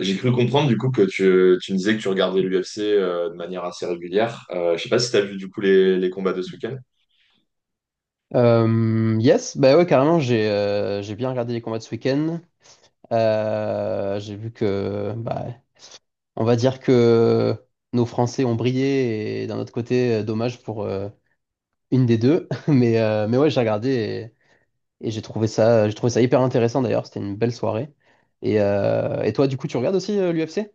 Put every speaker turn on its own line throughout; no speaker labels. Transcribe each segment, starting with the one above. J'ai cru comprendre que tu me disais que tu regardais l'UFC de manière assez régulière. Je sais pas si tu as vu les combats de ce week-end.
Yes, bah ouais, carrément, j'ai bien regardé les combats de ce week-end. J'ai vu que, bah, on va dire que nos Français ont brillé et d'un autre côté, dommage pour une des deux. Mais ouais, j'ai regardé et j'ai trouvé ça hyper intéressant d'ailleurs. C'était une belle soirée. Et toi, du coup, tu regardes aussi l'UFC?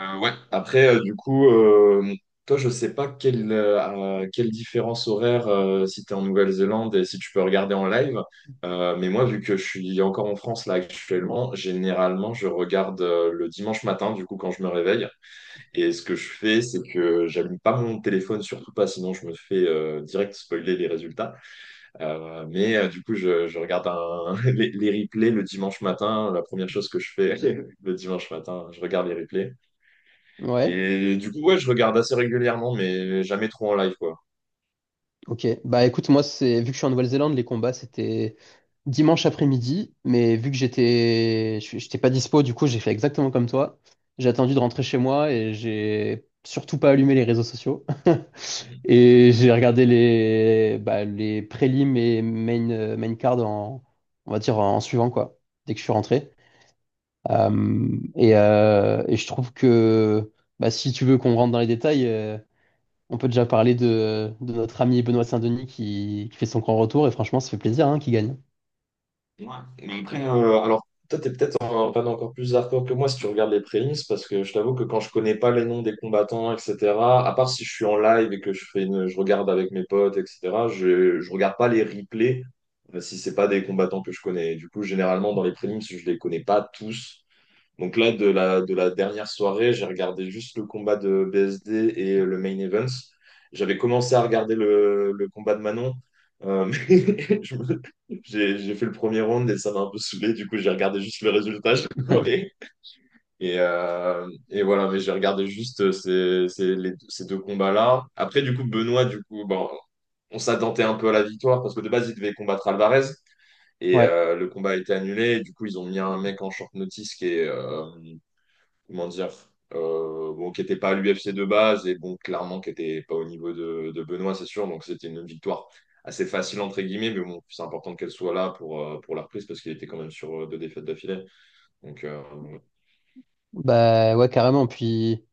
Ouais. Après, toi, je sais pas quelle différence horaire si tu es en Nouvelle-Zélande et si tu peux regarder en live. Mais moi, vu que je suis encore en France là actuellement, généralement, je regarde le dimanche matin, du coup, quand je me réveille. Et ce que je fais, c'est que j'allume pas mon téléphone, surtout pas, sinon je me fais direct spoiler les résultats. Je regarde les replays le dimanche matin. La première chose que je fais le dimanche matin, je regarde les replays.
Ouais,
Et du coup, ouais, je regarde assez régulièrement, mais jamais trop en live, quoi.
ok. Bah écoute, moi, c'est vu que je suis en Nouvelle-Zélande, les combats, c'était dimanche après-midi, mais vu que j'étais pas dispo, du coup, j'ai fait exactement comme toi. J'ai attendu de rentrer chez moi et j'ai surtout pas allumé les réseaux sociaux.
Mhm.
Et j'ai regardé les, bah, les prélims et main card en, on va dire, en suivant, quoi, dès que je suis rentré. Et je trouve que bah, si tu veux qu'on rentre dans les détails, on peut déjà parler de notre ami Benoît Saint-Denis qui fait son grand retour. Et franchement, ça fait plaisir, hein, qu'il gagne.
Ouais. Mais après, alors, toi, t'es peut-être en fan encore plus hardcore que moi si tu regardes les prémices, parce que je t'avoue que quand je connais pas les noms des combattants, etc., à part si je suis en live et que je fais une, je regarde avec mes potes, etc., je regarde pas les replays si c'est pas des combattants que je connais. Du coup, généralement, dans les prémices, je les connais pas tous. Donc là, de la dernière soirée, j'ai regardé juste le combat de BSD et le main event. J'avais commencé à regarder le combat de Manon, euh, mais je me- j'ai fait le premier round et ça m'a un peu saoulé. Du coup, j'ai regardé juste le résultat. J'ai pleuré. Et voilà, mais j'ai regardé juste ces deux combats-là. Après, du coup, Benoît, bon, on s'attendait un peu à la victoire parce que de base, il devait combattre Alvarez et
Ouais.
euh, le combat a été annulé. Et du coup, ils ont mis un mec en short notice qui est, comment dire, bon, qui n'était pas à l'UFC de base et bon, clairement qui n'était pas au niveau de Benoît, c'est sûr. Donc c'était une victoire assez facile entre guillemets, mais bon, c'est important qu'elle soit là pour la reprise parce qu'il était quand même sur 2 défaites d'affilée. Donc
Bah ouais, carrément. Puis,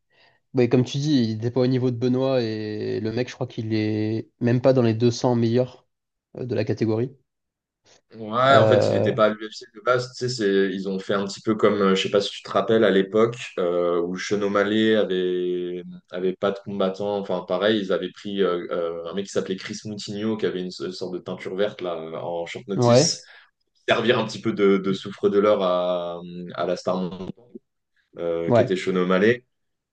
ouais, comme tu dis, il était pas au niveau de Benoît et le mec, je crois qu'il est même pas dans les 200 meilleurs, de la catégorie.
ouais, en fait, il n'était
Euh,
pas à l'UFC de base. Tu sais, ils ont fait un petit peu comme, je sais pas si tu te rappelles à l'époque où Sean Malé avait avait pas de combattant. Enfin, pareil, ils avaient pris un mec qui s'appelait Chris Moutinho qui avait une, sorte de teinture verte là en short
ouais,
notice. Servir un petit peu de souffre de l'or à la star montante, qui était
ouais.
Sean O'Malley.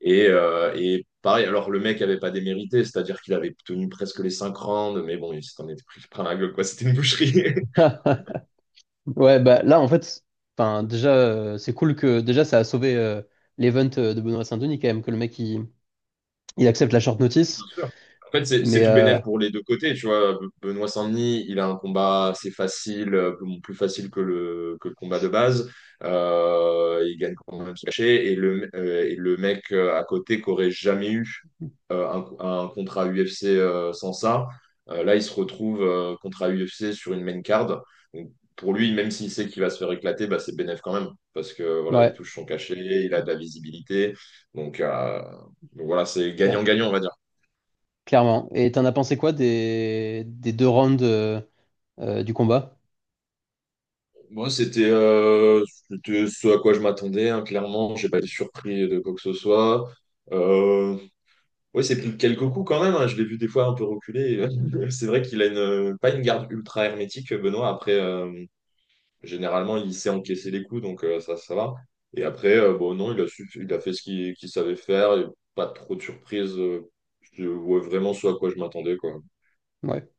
Et pareil, alors le mec avait pas démérité, c'est-à-dire qu'il avait tenu presque les 5 rounds, mais bon, il s'en était pris plein la gueule, quoi. C'était une boucherie.
Ouais, bah là, en fait, enfin, déjà, c'est cool que déjà ça a sauvé l'event de Benoît Saint-Denis quand même, que le mec il accepte la short
Bien
notice.
sûr. En fait, c'est
Mais
tout bénéf pour les deux côtés, tu vois. Benoît Saint-Denis, il a un combat assez facile, bon, plus facile que que le combat de base. Il gagne quand même son cachet. Et et le mec à côté qu'aurait jamais eu un contrat UFC sans ça, là, il se retrouve contrat UFC sur une main card. Donc, pour lui, même s'il sait qu'il va se faire éclater, bah, c'est bénéf quand même. Parce que voilà, il
ouais,
touche son cachet, il a de la visibilité. Donc, euh, donc voilà, c'est
clair-
gagnant-gagnant, on va dire.
clairement. Et t'en as pensé quoi des deux rounds du combat?
Moi, c'était ce à quoi je m'attendais, hein, clairement. J'ai pas été surpris de quoi que ce soit. Euh, ouais, c'est pris quelques coups quand même, hein. Je l'ai vu des fois un peu reculer. C'est vrai qu'il a une, pas une garde ultra hermétique, Benoît. Après, généralement, il sait encaisser les coups, donc ça, ça va. Et après, bon, non, il a, il a fait ce qu'il savait faire. Et pas trop de surprises. Je vois vraiment ce à quoi je m'attendais, quoi.
Ouais.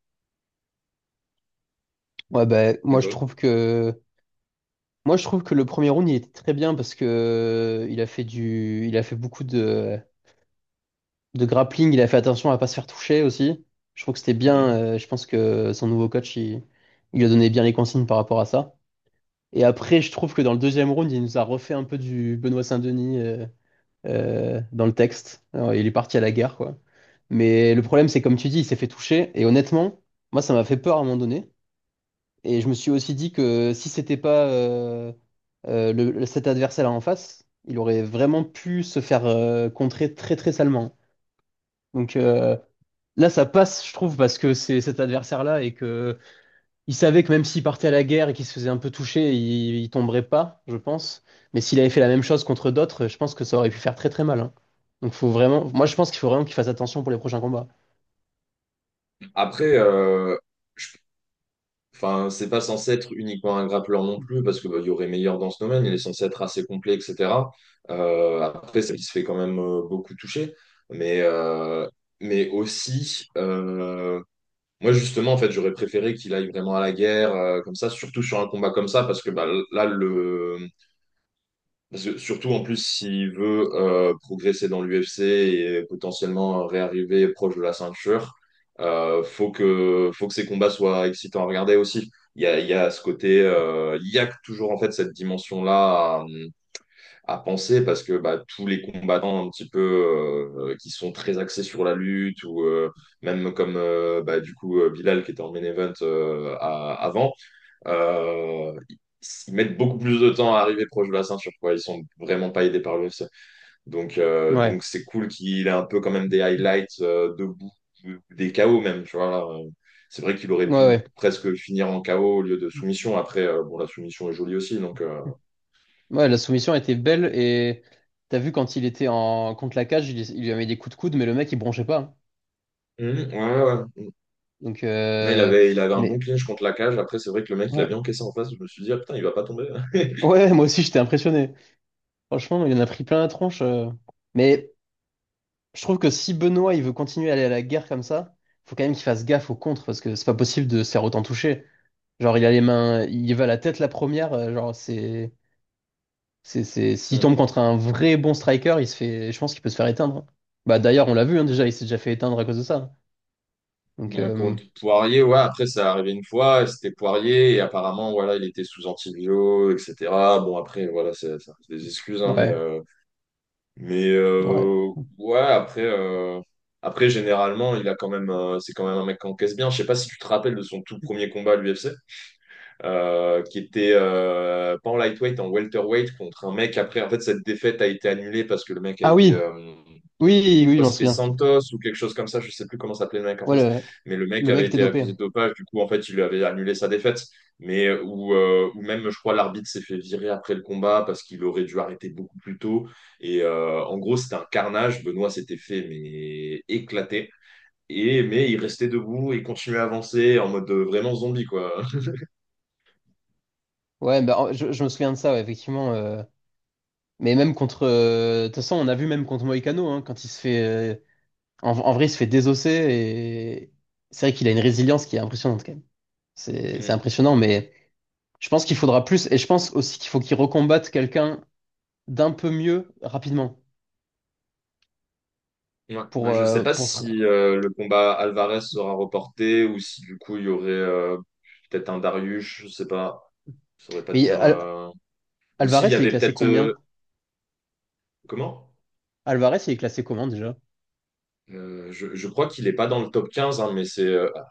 Ouais, bah,
Et
moi je
toi?
trouve que moi je trouve que le premier round il était très bien parce que il a fait beaucoup de grappling, il a fait attention à pas se faire toucher aussi. Je trouve que c'était bien,
Mhm.
je pense que son nouveau coach il lui a donné bien les consignes par rapport à ça. Et après je trouve que dans le deuxième round, il nous a refait un peu du Benoît Saint-Denis dans le texte. Alors, il est parti à la guerre, quoi. Mais le problème, c'est comme tu dis, il s'est fait toucher. Et honnêtement, moi, ça m'a fait peur à un moment donné. Et je me suis aussi dit que si c'était pas cet adversaire-là en face, il aurait vraiment pu se faire contrer très très salement. Donc là, ça passe, je trouve, parce que c'est cet adversaire-là et que il savait que même s'il partait à la guerre et qu'il se faisait un peu toucher, il tomberait pas, je pense. Mais s'il avait fait la même chose contre d'autres, je pense que ça aurait pu faire très très mal, hein. Donc faut vraiment, moi je pense qu'il faut vraiment qu'il fasse attention pour les prochains combats.
Après, enfin, c'est pas censé être uniquement un grappleur non plus, parce qu'il y aurait meilleur dans ce domaine, il est censé être assez complet, etc. Après, ça, il se fait quand même beaucoup toucher. Mais, euh, mais aussi, moi justement, en fait, j'aurais préféré qu'il aille vraiment à la guerre, comme ça, surtout sur un combat comme ça, parce que là, le, parce que surtout en plus, s'il veut progresser dans l'UFC et potentiellement réarriver proche de la ceinture, faut que ses combats soient excitants à regarder aussi. Il y a ce côté, il y a toujours en fait cette dimension-là à penser parce que bah, tous les combattants un petit peu qui sont très axés sur la lutte ou même comme bah, du coup Bilal qui était en main event avant. Euh, Ils mettent beaucoup plus de temps à arriver proche de la ceinture, quoi. Ils sont vraiment pas aidés par l'UFC. Donc, euh,
Ouais,
donc c'est cool qu'il ait un peu quand même des highlights debout, des KO même, tu vois. Là. C'est vrai qu'il aurait
ouais,
pu
ouais.
presque finir en KO au lieu de soumission. Après, bon, la soumission est jolie aussi, donc.
Ouais, la soumission était belle et t'as vu quand il était en contre la cage, il lui avait mis des coups de coude, mais le mec il bronchait pas, hein.
Mhm, ouais.
Donc,
Mais il avait un bon
mais
clinch contre la cage. Après, c'est vrai que le mec, il a bien
ouais,
encaissé en face. Je me suis dit, ah putain, il va pas tomber.
ouais, moi aussi j'étais impressionné. Franchement, il en a pris plein la tronche. Mais je trouve que si Benoît il veut continuer à aller à la guerre comme ça, faut quand même qu'il fasse gaffe au contre parce que c'est pas possible de se faire autant toucher. Genre il a les mains, il va à la tête la première, genre c'est s'il
Mm.
tombe contre un vrai bon striker, il se fait, je pense qu'il peut se faire éteindre. Bah d'ailleurs, on l'a vu, hein, déjà, il s'est déjà fait éteindre à cause de ça. Donc
Contre Poirier, ouais, après ça arrivé une fois, et c'était Poirier, et apparemment, voilà, il était sous antibio, etc. Bon, après, voilà, c'est ça des excuses, hein,
ouais,
mais
ouais.
euh, ouais, après, après, généralement, il a quand même, c'est quand même un mec qui encaisse bien. Je sais pas si tu te rappelles de son tout premier combat à l'UFC, qui était pas en lightweight, en welterweight, contre un mec. Après, en fait, cette défaite a été annulée parce que le mec a
Ah
été.
oui, oui, oui, je
Crois que
m'en
c'était
souviens.
Santos ou quelque chose comme ça, je sais plus comment s'appelait le mec en
Ouais,
face,
le,
mais le mec
le mec
avait
était
été
dopé.
accusé de dopage, du coup en fait il lui avait annulé sa défaite, ou même je crois l'arbitre s'est fait virer après le combat parce qu'il aurait dû arrêter beaucoup plus tôt, en gros c'était un carnage, Benoît s'était fait mais éclater, et mais il restait debout et continuait à avancer en mode vraiment zombie quoi.
Ouais, bah, je me souviens de ça, ouais, effectivement. Mais même contre. De toute façon, on a vu même contre Moïcano, hein, quand il se fait, en vrai, il se fait désosser et c'est vrai qu'il a une résilience qui est impressionnante quand même. C'est
Mm.
impressionnant, mais je pense qu'il faudra plus et je pense aussi qu'il faut qu'il recombatte quelqu'un d'un peu mieux rapidement.
Ouais. Bah, je sais pas
Pour se-
si le combat Alvarez sera reporté ou si du coup il y aurait peut-être un Darius, je sais pas. Je saurais pas te
Mais
dire.
Al-
Ou s'il
Alvarez,
y
il est
avait
classé
peut-être.
combien?
Comment?
Alvarez, il est classé comment déjà?
Je crois qu'il est pas dans le top 15, hein, mais c'est.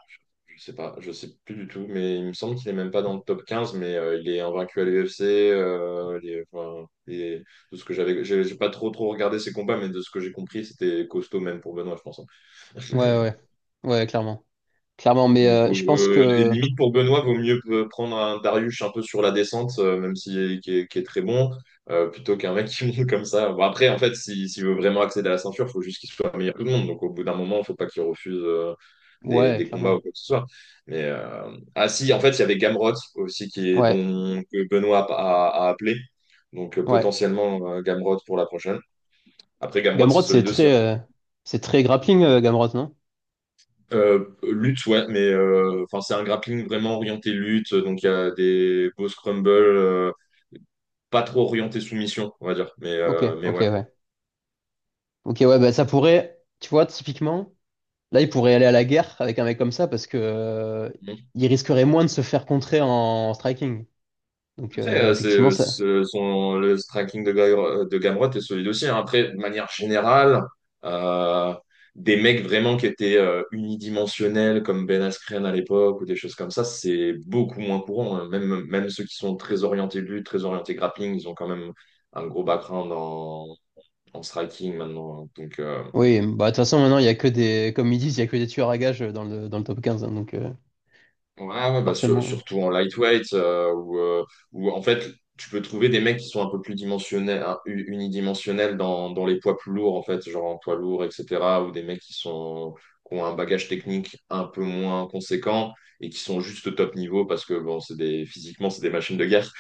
Je sais pas, je sais plus du tout, mais il me semble qu'il est même pas dans le top 15. Mais il est invaincu à l'UFC. Enfin, de ce que j'avais. J'ai pas trop regardé ses combats, mais de ce que j'ai compris, c'était costaud même pour Benoît, je pense, hein.
Ouais, ouais, ouais, clairement. Clairement, mais
Donc,
je pense
et
que.
limite pour Benoît, vaut mieux prendre un Darius un peu sur la descente, même si qui est, qui est très bon, plutôt qu'un mec qui monte comme ça. Bon, après, en fait, s'il veut vraiment accéder à la ceinture, il faut juste qu'il soit meilleur que tout le monde. Donc au bout d'un moment, il faut pas qu'il refuse
Ouais,
des combats ou
clairement.
quoi que ce soit. Mais ah si, en fait, il y avait Gamrot aussi qui est
Ouais,
dont que Benoît a appelé. Donc
ouais.
potentiellement Gamrot pour la prochaine. Après Gamrot, c'est
Gamrot, c'est
solide aussi, hein.
très, euh, c'est très grappling, Gamrot, non?
Lutte, ouais, mais enfin, c'est un grappling vraiment orienté lutte, donc il y a des beaux scrumbles, pas trop orienté soumission, on va dire,
Ok,
mais
ok,
ouais.
ouais. Ok, ouais, bah ça pourrait, tu vois, typiquement. Là, il pourrait aller à la guerre avec un mec comme ça parce que
Bon.
il risquerait moins de se faire contrer en striking. Donc
Après,
effectivement, ça.
le striking de, de Gamrot est solide aussi, hein. Après, de manière générale, euh, des mecs vraiment qui étaient unidimensionnels, comme Ben Askren à l'époque, ou des choses comme ça, c'est beaucoup moins courant, hein. Même, même ceux qui sont très orientés lutte, très orientés grappling, ils ont quand même un gros background en striking maintenant, hein. Donc,
Oui, bah de toute façon maintenant il y a que des, comme ils disent, il y a que des tueurs à gages dans le top 15, hein, donc
ouais,
forcément.
surtout en lightweight, où, où, en fait, tu peux trouver des mecs qui sont un peu plus dimensionnels, hein, unidimensionnels dans les poids plus lourds, en fait, genre en poids lourd, etc., ou des mecs qui sont, qui ont un bagage technique un peu moins conséquent et qui sont juste au top niveau parce que, bon, c'est des, physiquement, c'est des machines de guerre.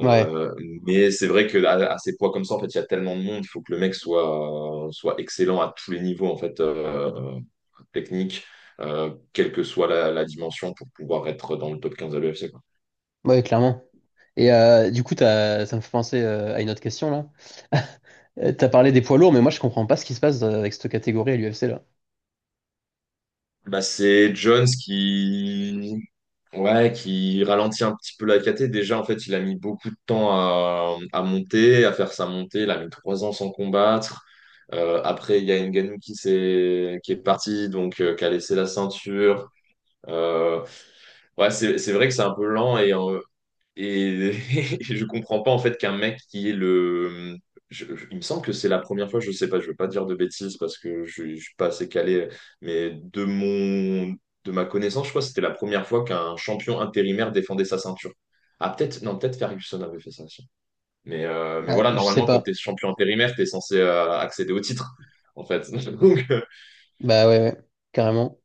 Ouais,
mais c'est vrai que à ces poids comme ça, en fait, il y a tellement de monde, il faut que le mec soit, soit excellent à tous les niveaux, en fait. Technique, quelle que soit dimension, pour pouvoir être dans le top 15 à l'UFC.
ouais, clairement. Et du coup, ça me fait penser, à une autre question là. T'as parlé des poids lourds, mais moi je comprends pas ce qui se passe, avec cette catégorie à l'UFC là.
Bah, c'est Jones qui... Ouais, qui ralentit un petit peu la KT. Déjà, en fait, il a mis beaucoup de temps à monter, à faire sa montée. Il a mis 3 ans sans combattre. Après, il y a Ngannou qui est parti, donc qui a laissé la ceinture. Euh, ouais, c'est vrai que c'est un peu lent Et et je comprends pas en fait qu'un mec qui est le. Il me semble que c'est la première fois, je sais pas, je veux pas dire de bêtises parce que je suis pas assez calé, mais de mon, de ma connaissance, je crois que c'était la première fois qu'un champion intérimaire défendait sa ceinture. Ah, peut-être, non, peut-être Ferguson avait fait ça aussi. Mais
Ouais,
voilà,
je sais
normalement, quand t'es
pas.
champion intérimaire, t'es censé accéder au titre, en fait. Donc,
Bah ouais, ouais, carrément.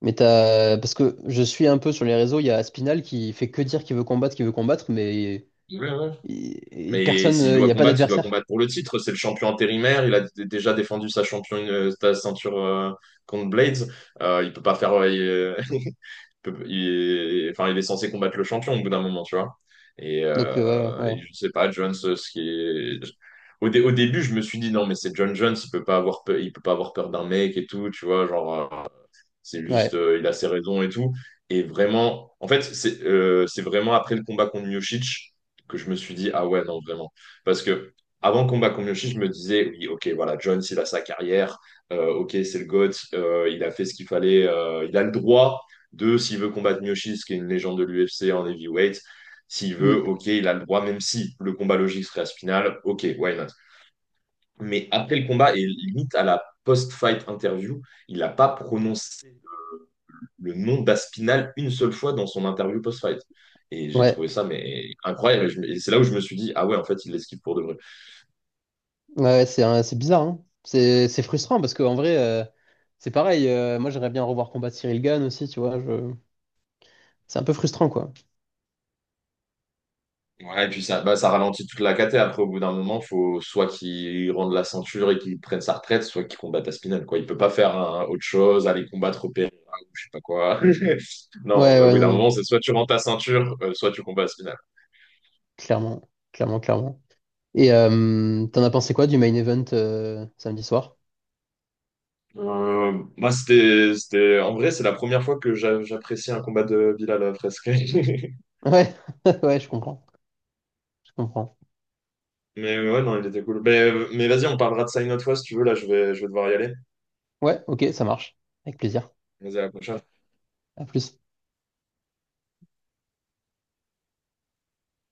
Mais parce que je suis un peu sur les réseaux, il y a Spinal qui fait que dire qu'il veut combattre, mais
ouais, ouais.
et
Mais
personne,
s'il
il
doit
n'y a pas
combattre, il doit
d'adversaire.
combattre pour le titre. C'est le champion intérimaire. Il a déjà défendu sa championne, sa ceinture contre Blades. Il peut pas faire. Il enfin, il est censé combattre le champion au bout d'un moment, tu vois.
Donc, ouais,
Et
ouais,
je sais pas, Jones, ce qui est. Au début, je me suis dit non, mais c'est John Jones. Il peut pas avoir peur, il peut pas avoir peur d'un mec et tout, tu vois, genre. C'est juste,
ouais.
il a ses raisons et tout. Et vraiment, en fait, c'est vraiment après le combat contre Miocic que je me suis dit, ah ouais, non, vraiment. Parce que avant le combat contre Miocic, je me disais, oui, ok, voilà, Jones, il a sa carrière, ok, c'est le GOAT, il a fait ce qu'il fallait, il a le droit de, s'il veut combattre Miocic, qui est une légende de l'UFC en heavyweight, s'il veut,
Mm.
ok, il a le droit, même si le combat logique serait à ce final, ok, why not? Mais après le combat, et limite à la post-fight interview, il n'a pas prononcé le nom d'Aspinal une seule fois dans son interview post-fight. Et j'ai
Ouais,
trouvé ça mais incroyable. Et, et c'est là où je me suis dit, ah ouais, en fait, il l'esquive pour de vrai.
ouais, c'est bizarre, hein. C'est frustrant parce qu'en vrai, c'est pareil. Moi, j'aimerais bien revoir combattre Cyril Gann aussi, tu vois. Je... c'est un peu frustrant, quoi.
Ouais, et puis ça, bah, ça ralentit toute la caté. Après, au bout d'un moment, faut soit qu'il rende la ceinture et qu'il prenne sa retraite, soit qu'il combatte Aspinal, quoi. Il peut pas faire hein, autre chose, aller combattre Pereira ou je sais pas quoi. Non,
Ouais,
bah,
ouais,
oui,
non,
d'un
non.
moment, c'est soit tu rends ta ceinture, soit tu combats Aspinal.
Clairement, clairement, clairement. Et t'en as pensé quoi du main event, samedi soir?
Bah, c'était, c'était... En vrai, c'est la première fois que j'apprécie un combat de Bilal Fresque.
Ouais, ouais, je comprends, je comprends.
Mais ouais, non, il était cool. Mais vas-y, on parlera de ça une autre fois si tu veux. Là, je vais devoir y aller.
Ouais, ok, ça marche. Avec plaisir.
Vas-y, à la prochaine.
À plus.